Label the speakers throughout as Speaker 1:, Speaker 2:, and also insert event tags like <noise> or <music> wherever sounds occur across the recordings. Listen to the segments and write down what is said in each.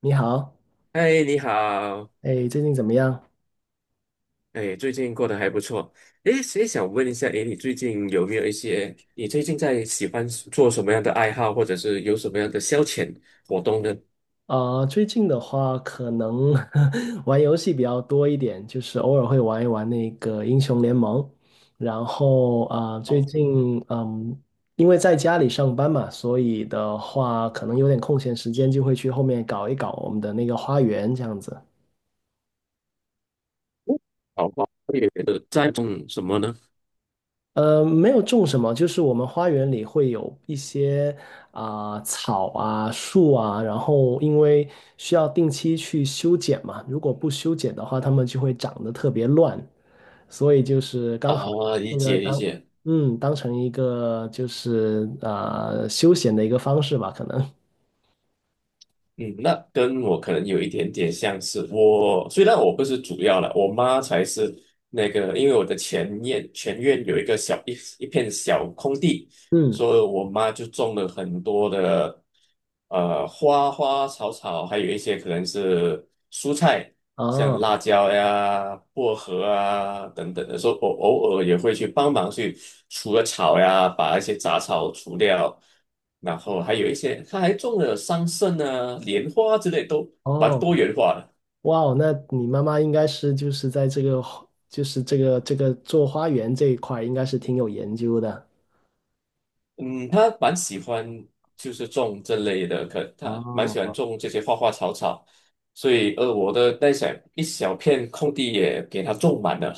Speaker 1: 你好，
Speaker 2: 嗨，你好。
Speaker 1: 哎，最近怎么样？
Speaker 2: 哎，最近过得还不错。哎，所以想问一下，哎，你最近有没有一些，你最近在喜欢做什么样的爱好，或者是有什么样的消遣活动呢？
Speaker 1: 最近的话，可能 <laughs> 玩游戏比较多一点，就是偶尔会玩一玩那个英雄联盟。然后最
Speaker 2: 哦，
Speaker 1: 近因为在家里上班嘛，所以的话，可能有点空闲时间，就会去后面搞一搞我们的那个花园这样子。
Speaker 2: 好吧，也在种什么呢？
Speaker 1: 没有种什么，就是我们花园里会有一些草啊、树啊，然后因为需要定期去修剪嘛，如果不修剪的话，它们就会长得特别乱，所以就是刚好
Speaker 2: 啊，理
Speaker 1: 那个
Speaker 2: 解理
Speaker 1: 当
Speaker 2: 解。
Speaker 1: 当成一个就是休闲的一个方式吧，可能。
Speaker 2: 嗯，那跟我可能有一点点相似。虽然我不是主要了，我妈才是那个。因为我的前院有一个一片小空地，
Speaker 1: 嗯。
Speaker 2: 所以我妈就种了很多的花花草草，还有一些可能是蔬菜，像辣
Speaker 1: 哦。
Speaker 2: 椒呀、薄荷啊等等的。所以我偶尔也会去帮忙去除了草呀，把一些杂草除掉。然后还有一些，他还种了桑葚啊、莲花之类，都蛮
Speaker 1: 哦。
Speaker 2: 多元化的。
Speaker 1: 哇哦，那你妈妈应该是就是在这个做花园这一块儿应该是挺有研究的。
Speaker 2: 嗯，他蛮喜欢就是种这类的，可他蛮喜欢
Speaker 1: 哦，
Speaker 2: 种这些花花草草，所以我的一小片空地也给他种满了。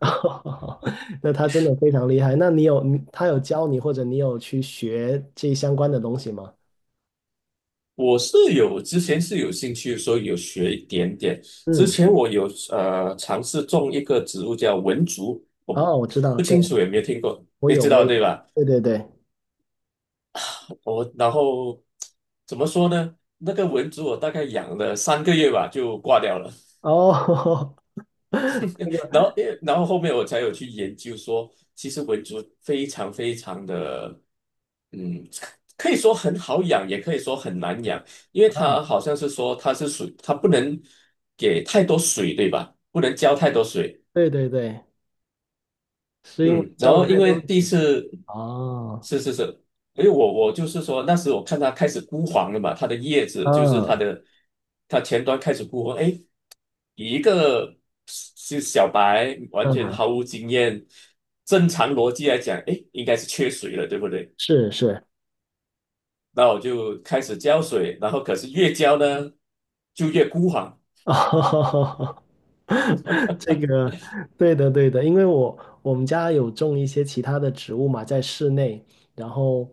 Speaker 1: <laughs> 那他真的非常厉害。那你有你他有教你，或者你有去学这相关的东西吗？
Speaker 2: 我是有之前是有兴趣，所以有学一点点。之
Speaker 1: 嗯。
Speaker 2: 前我有尝试种一个植物叫文竹，我不
Speaker 1: 哦，我知道，
Speaker 2: 不
Speaker 1: 对，
Speaker 2: 清楚有没有听过，
Speaker 1: 我
Speaker 2: 你
Speaker 1: 有，
Speaker 2: 知
Speaker 1: 我
Speaker 2: 道
Speaker 1: 有，
Speaker 2: 对吧？
Speaker 1: 对对对。
Speaker 2: 我然后怎么说呢？那个蚊子我大概养了3个月吧，就挂掉了。
Speaker 1: 哦，<laughs>
Speaker 2: <laughs> 然后，然后后面我才有去研究说，其实蚊子非常非常的，嗯，可以说很好养，也可以说很难养，因为
Speaker 1: 啊，
Speaker 2: 它好像是说它是属，它不能给太多水，对吧？不能浇太多水。
Speaker 1: 对对对，是因为
Speaker 2: 嗯，然
Speaker 1: 教了
Speaker 2: 后因
Speaker 1: 太多
Speaker 2: 为第一
Speaker 1: 次。
Speaker 2: 次
Speaker 1: 哦，
Speaker 2: 是是是。因为我就是说那时我看它开始枯黄了嘛，它的叶子就是它
Speaker 1: 嗯
Speaker 2: 的它前端开始枯黄。哎，以一个是小白完全
Speaker 1: 嗯，
Speaker 2: 毫无经验，正常逻辑来讲，哎，应该是缺水了，对不对？
Speaker 1: 是是。
Speaker 2: 那我就开始浇水，然后可是越浇呢就越枯黄。
Speaker 1: 哦，<laughs> 这个对的对的，因为我们家有种一些其他的植物嘛，在室内，然后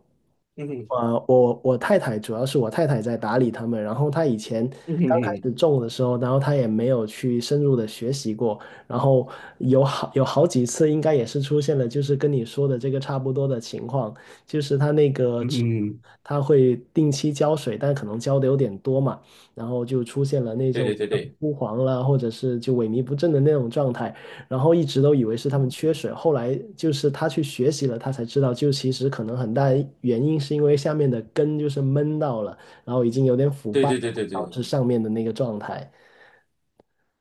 Speaker 2: 嗯哼，
Speaker 1: 我太太主要是我太太在打理它们，然后她以前
Speaker 2: 嗯哼，嗯
Speaker 1: 刚开
Speaker 2: 哼，
Speaker 1: 始种的时候，然后她也没有去深入的学习过，然后有好几次应该也是出现了，就是跟你说的这个差不多的情况，就是它那个
Speaker 2: 嗯
Speaker 1: 植
Speaker 2: 哼。
Speaker 1: 它会定期浇水，但可能浇的有点多嘛。然后就出现了那
Speaker 2: 对
Speaker 1: 种
Speaker 2: 对对对
Speaker 1: 枯黄了，或者是就萎靡不振的那种状态，然后一直都以为是他们缺水，后来就是他去学习了，他才知道，就其实可能很大原因是因为下面的根就是闷到了，然后已经有点腐
Speaker 2: 对
Speaker 1: 败了，
Speaker 2: 对对对对。
Speaker 1: 导致上面的那个状态。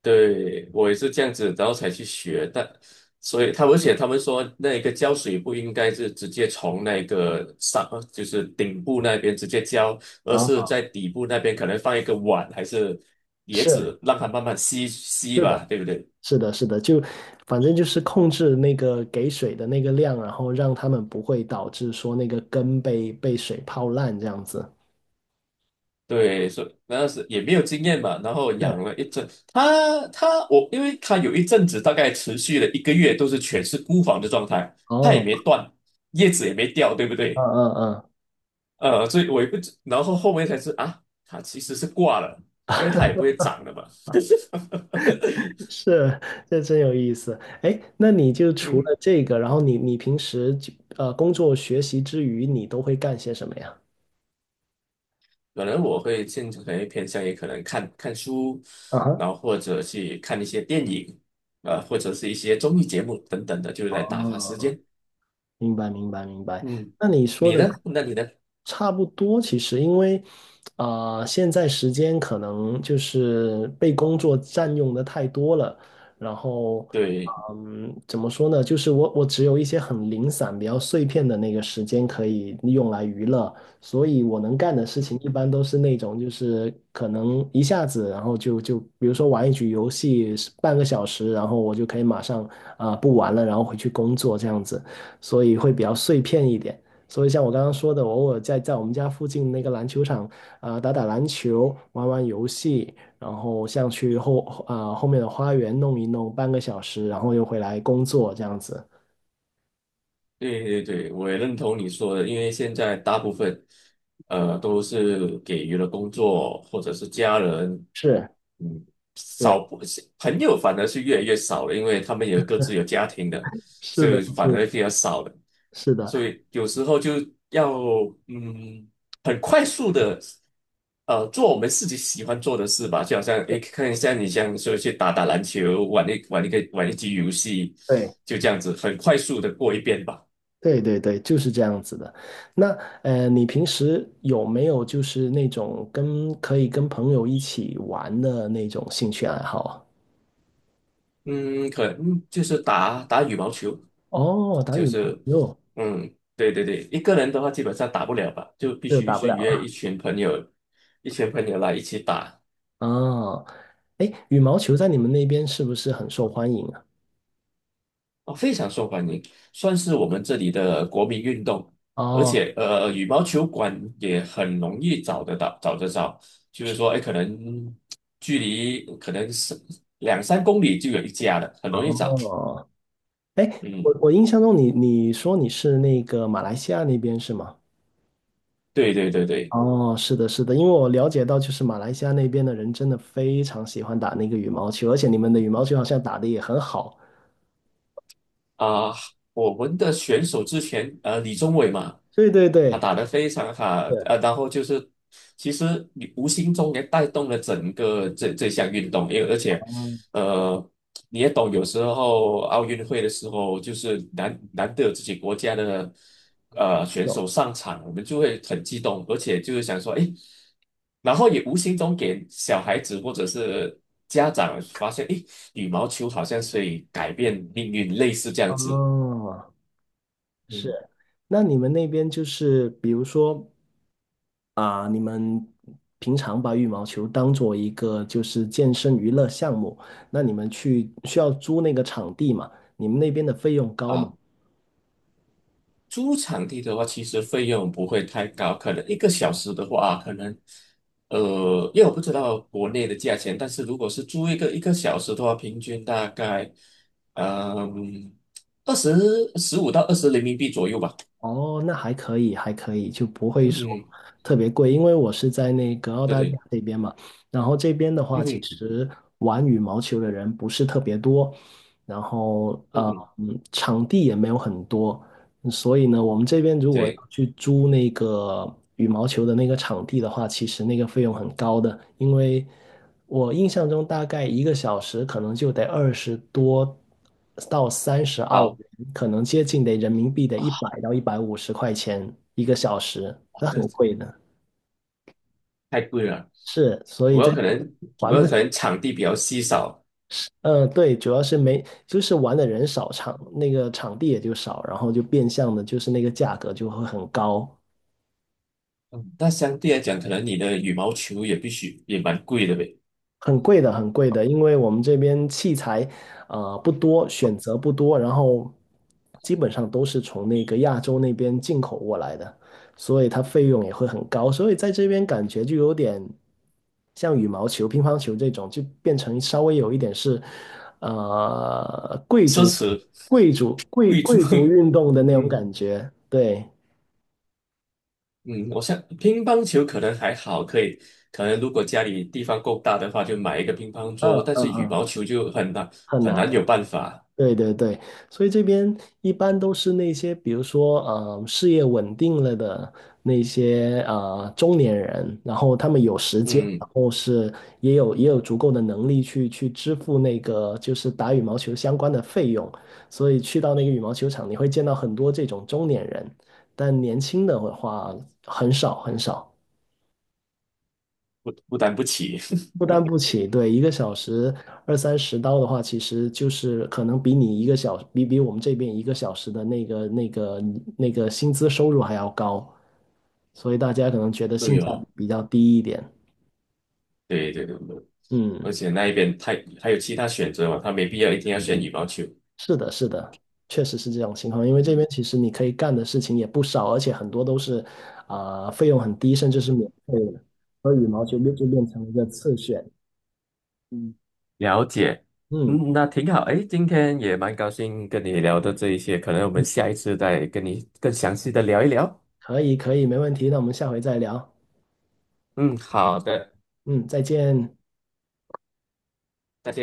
Speaker 2: 对，我也是这样子，然后才去学的。所以他们写，他们说那个浇水不应该是直接从那个上，就是顶部那边直接浇，而是
Speaker 1: 啊，
Speaker 2: 在底部那边可能放一个碗还是碟
Speaker 1: 是。
Speaker 2: 子，让它慢慢吸吸
Speaker 1: 是的，
Speaker 2: 吧，对不对？
Speaker 1: 是的，是的，就反正就是控制那个给水的那个量，然后让他们不会导致说那个根被水泡烂这样子。
Speaker 2: 对，所以那是也没有经验嘛，然后养
Speaker 1: 是。
Speaker 2: 了一阵，我，因为他有一阵子大概持续了1个月都是全是孤房的状态。它也
Speaker 1: 哦，
Speaker 2: 没断，叶子也没掉，对不
Speaker 1: 嗯
Speaker 2: 对？
Speaker 1: 嗯嗯。
Speaker 2: 所以我也不知，然后后面才知啊，他其实是挂了，因为他也不会长的嘛。<laughs>
Speaker 1: 是，这真有意思。哎，那你就除
Speaker 2: 嗯，
Speaker 1: 了这个，然后你平时就工作学习之余，你都会干些什么呀？
Speaker 2: 可能我会现可能偏向于可能看看书，
Speaker 1: 啊
Speaker 2: 然后或者去看一些电影，或者是一些综艺节目等等的，就是来打发时
Speaker 1: 哈。
Speaker 2: 间。
Speaker 1: 明白，明白，明白。
Speaker 2: 嗯，
Speaker 1: 那你说
Speaker 2: 你
Speaker 1: 的
Speaker 2: 呢？那你呢？
Speaker 1: 差不多，其实因为，啊，现在时间可能就是被工作占用的太多了，然后，
Speaker 2: 对。
Speaker 1: 怎么说呢？就是我只有一些很零散、比较碎片的那个时间可以用来娱乐，所以我能干的事情一般都是那种，就是可能一下子，然后就比如说玩一局游戏半个小时，然后我就可以马上不玩了，然后回去工作这样子。所以会比较碎片一点。所以像我刚刚说的，我偶尔在我们家附近那个篮球场打打篮球，玩玩游戏，然后像去后面的花园弄一弄半个小时，然后又回来工作这样子。
Speaker 2: 对对对，我也认同你说的，因为现在大部分，都是给予了工作或者是家人。
Speaker 1: 是
Speaker 2: 嗯，
Speaker 1: 是。
Speaker 2: 不是朋友反而是越来越少了，因为他们也各自有
Speaker 1: <laughs>
Speaker 2: 家庭的，
Speaker 1: 是
Speaker 2: 所
Speaker 1: 的，
Speaker 2: 以反
Speaker 1: 是
Speaker 2: 而比较少了。
Speaker 1: 是的，
Speaker 2: 所以有时候就要，嗯，很快速的，做我们自己喜欢做的事吧。就好像诶，看一下你像说去打打篮球，玩一局游戏，
Speaker 1: 对
Speaker 2: 就这样子很快速的过一遍吧。
Speaker 1: 对对对，就是这样子的。那你平时有没有就是那种可以跟朋友一起玩的那种兴趣爱好啊？
Speaker 2: 嗯，可能嗯就是打打羽毛球。
Speaker 1: 哦，打
Speaker 2: 就
Speaker 1: 羽毛
Speaker 2: 是，
Speaker 1: 球，
Speaker 2: 嗯，对对对，一个人的话基本上打不了吧，就必
Speaker 1: 这
Speaker 2: 须
Speaker 1: 打不
Speaker 2: 是
Speaker 1: 了。
Speaker 2: 约一群朋友，一群朋友来一起打。
Speaker 1: 哦，哎，羽毛球在你们那边是不是很受欢迎啊？
Speaker 2: 哦，非常受欢迎，算是我们这里的国民运动。而
Speaker 1: 哦。
Speaker 2: 且羽毛球馆也很容易找得到，找得着。就是说，哎，可能距离可能是两三公里就有一家了，很容易找。
Speaker 1: 哦，哎，我
Speaker 2: 嗯，
Speaker 1: 我印象中你说你是那个马来西亚那边是吗？
Speaker 2: 对对对对。
Speaker 1: 哦，是的，是的，因为我了解到就是马来西亚那边的人真的非常喜欢打那个羽毛球，而且你们的羽毛球好像打得也很好。
Speaker 2: 啊、我们的选手之前李宗伟嘛，
Speaker 1: 对对
Speaker 2: 他
Speaker 1: 对，
Speaker 2: 打得非常好。
Speaker 1: 对。
Speaker 2: 然后就是其实你无形中也带动了整个这项运动。因为而且
Speaker 1: 哦，
Speaker 2: 呃你也懂，有时候奥运会的时候就是难得有自己国家的选
Speaker 1: 有。
Speaker 2: 手上场，我们就会很激动，而且就是想说，诶。然后也无形中给小孩子或者是家长发现，诶，羽毛球好像是以改变命运，类似这样子。
Speaker 1: 哦。
Speaker 2: 嗯
Speaker 1: 是，那你们那边就是比如说啊，你们平常把羽毛球当做一个就是健身娱乐项目，那你们去需要租那个场地嘛？你们那边的费用高吗？
Speaker 2: 啊，租场地的话，其实费用不会太高，可能一个小时的话，啊可能呃，因为我不知道国内的价钱，但是如果是租一个小时的话，平均大概嗯二十15到20人民币左右吧。
Speaker 1: 哦，那还可以，还可以，就不会
Speaker 2: 嗯
Speaker 1: 说
Speaker 2: 哼。
Speaker 1: 特别贵，因为我是在那个澳
Speaker 2: 对
Speaker 1: 大利亚
Speaker 2: 对。
Speaker 1: 这边嘛，然后这边的
Speaker 2: 嗯
Speaker 1: 话，其
Speaker 2: 哼。
Speaker 1: 实玩羽毛球的人不是特别多，然后
Speaker 2: 嗯哼。
Speaker 1: 场地也没有很多。所以呢，我们这边如果要
Speaker 2: 对。
Speaker 1: 去租那个羽毛球的那个场地的话，其实那个费用很高的，因为我印象中大概一个小时可能就得二十多到三十澳
Speaker 2: 好，
Speaker 1: 元，可能接近得人民币得100到150块钱一个小时，那很
Speaker 2: 这
Speaker 1: 贵的。
Speaker 2: 太贵了。
Speaker 1: 是，所以
Speaker 2: 我有
Speaker 1: 在
Speaker 2: 可
Speaker 1: 这边
Speaker 2: 能，我
Speaker 1: 玩
Speaker 2: 有
Speaker 1: 不，
Speaker 2: 可能场地比较稀少。
Speaker 1: 对，主要是没，就是玩的人少，那个场地也就少，然后就变相的，就是那个价格就会很高。
Speaker 2: 嗯，那相对来讲，可能你的羽毛球也必须也蛮贵的呗。
Speaker 1: 很贵的，很贵的，因为我们这边器材不多，选择不多，然后基本上都是从那个亚洲那边进口过来的，所以它费用也会很高，所以在这边感觉就有点像羽毛球、乒乓球这种，就变成稍微有一点是贵
Speaker 2: 奢
Speaker 1: 族、
Speaker 2: 侈
Speaker 1: 贵族、贵
Speaker 2: 贵族。
Speaker 1: 贵族
Speaker 2: <laughs>
Speaker 1: 运动的那种
Speaker 2: 嗯，
Speaker 1: 感觉，对，
Speaker 2: 嗯，我想乒乓球可能还好，可以，可能如果家里地方够大的话，就买一个乒乓
Speaker 1: 嗯
Speaker 2: 桌，但
Speaker 1: 嗯
Speaker 2: 是羽
Speaker 1: 嗯，
Speaker 2: 毛球就很难，
Speaker 1: 很
Speaker 2: 很
Speaker 1: 难。
Speaker 2: 难有办法。
Speaker 1: 对对对，所以这边一般都是那些，比如说，事业稳定了的那些中年人，然后他们有时间，然
Speaker 2: 嗯，
Speaker 1: 后是也有足够的能力去支付那个就是打羽毛球相关的费用，所以去到那个羽毛球场，你会见到很多这种中年人，但年轻的话很少很少。
Speaker 2: 负担不起。
Speaker 1: 负担不起，对，一个小时二三十刀的话，其实就是可能比你一个小，比我们这边一个小时的那个薪资收入还要高，所以大家可能觉得
Speaker 2: <laughs>
Speaker 1: 性
Speaker 2: 对
Speaker 1: 价
Speaker 2: 哦，
Speaker 1: 比比较低一点。
Speaker 2: 对对对对，而
Speaker 1: 嗯，
Speaker 2: 且那一边太还有其他选择嘛，他没必要一定要选羽毛球。
Speaker 1: 是的，是的，确实是这种情况，因为这边其实你可以干的事情也不少，而且很多都是费用很低，甚至是免费的，所以羽毛球就变成了一个次选。嗯
Speaker 2: 了解。
Speaker 1: 嗯，
Speaker 2: 嗯，那挺好。诶，今天也蛮高兴跟你聊的这一些，可能我们下一次再跟你更详细的聊一聊。
Speaker 1: 可以可以，没问题，那我们下回再聊。
Speaker 2: 嗯，好的，
Speaker 1: 嗯，再见。
Speaker 2: 再见。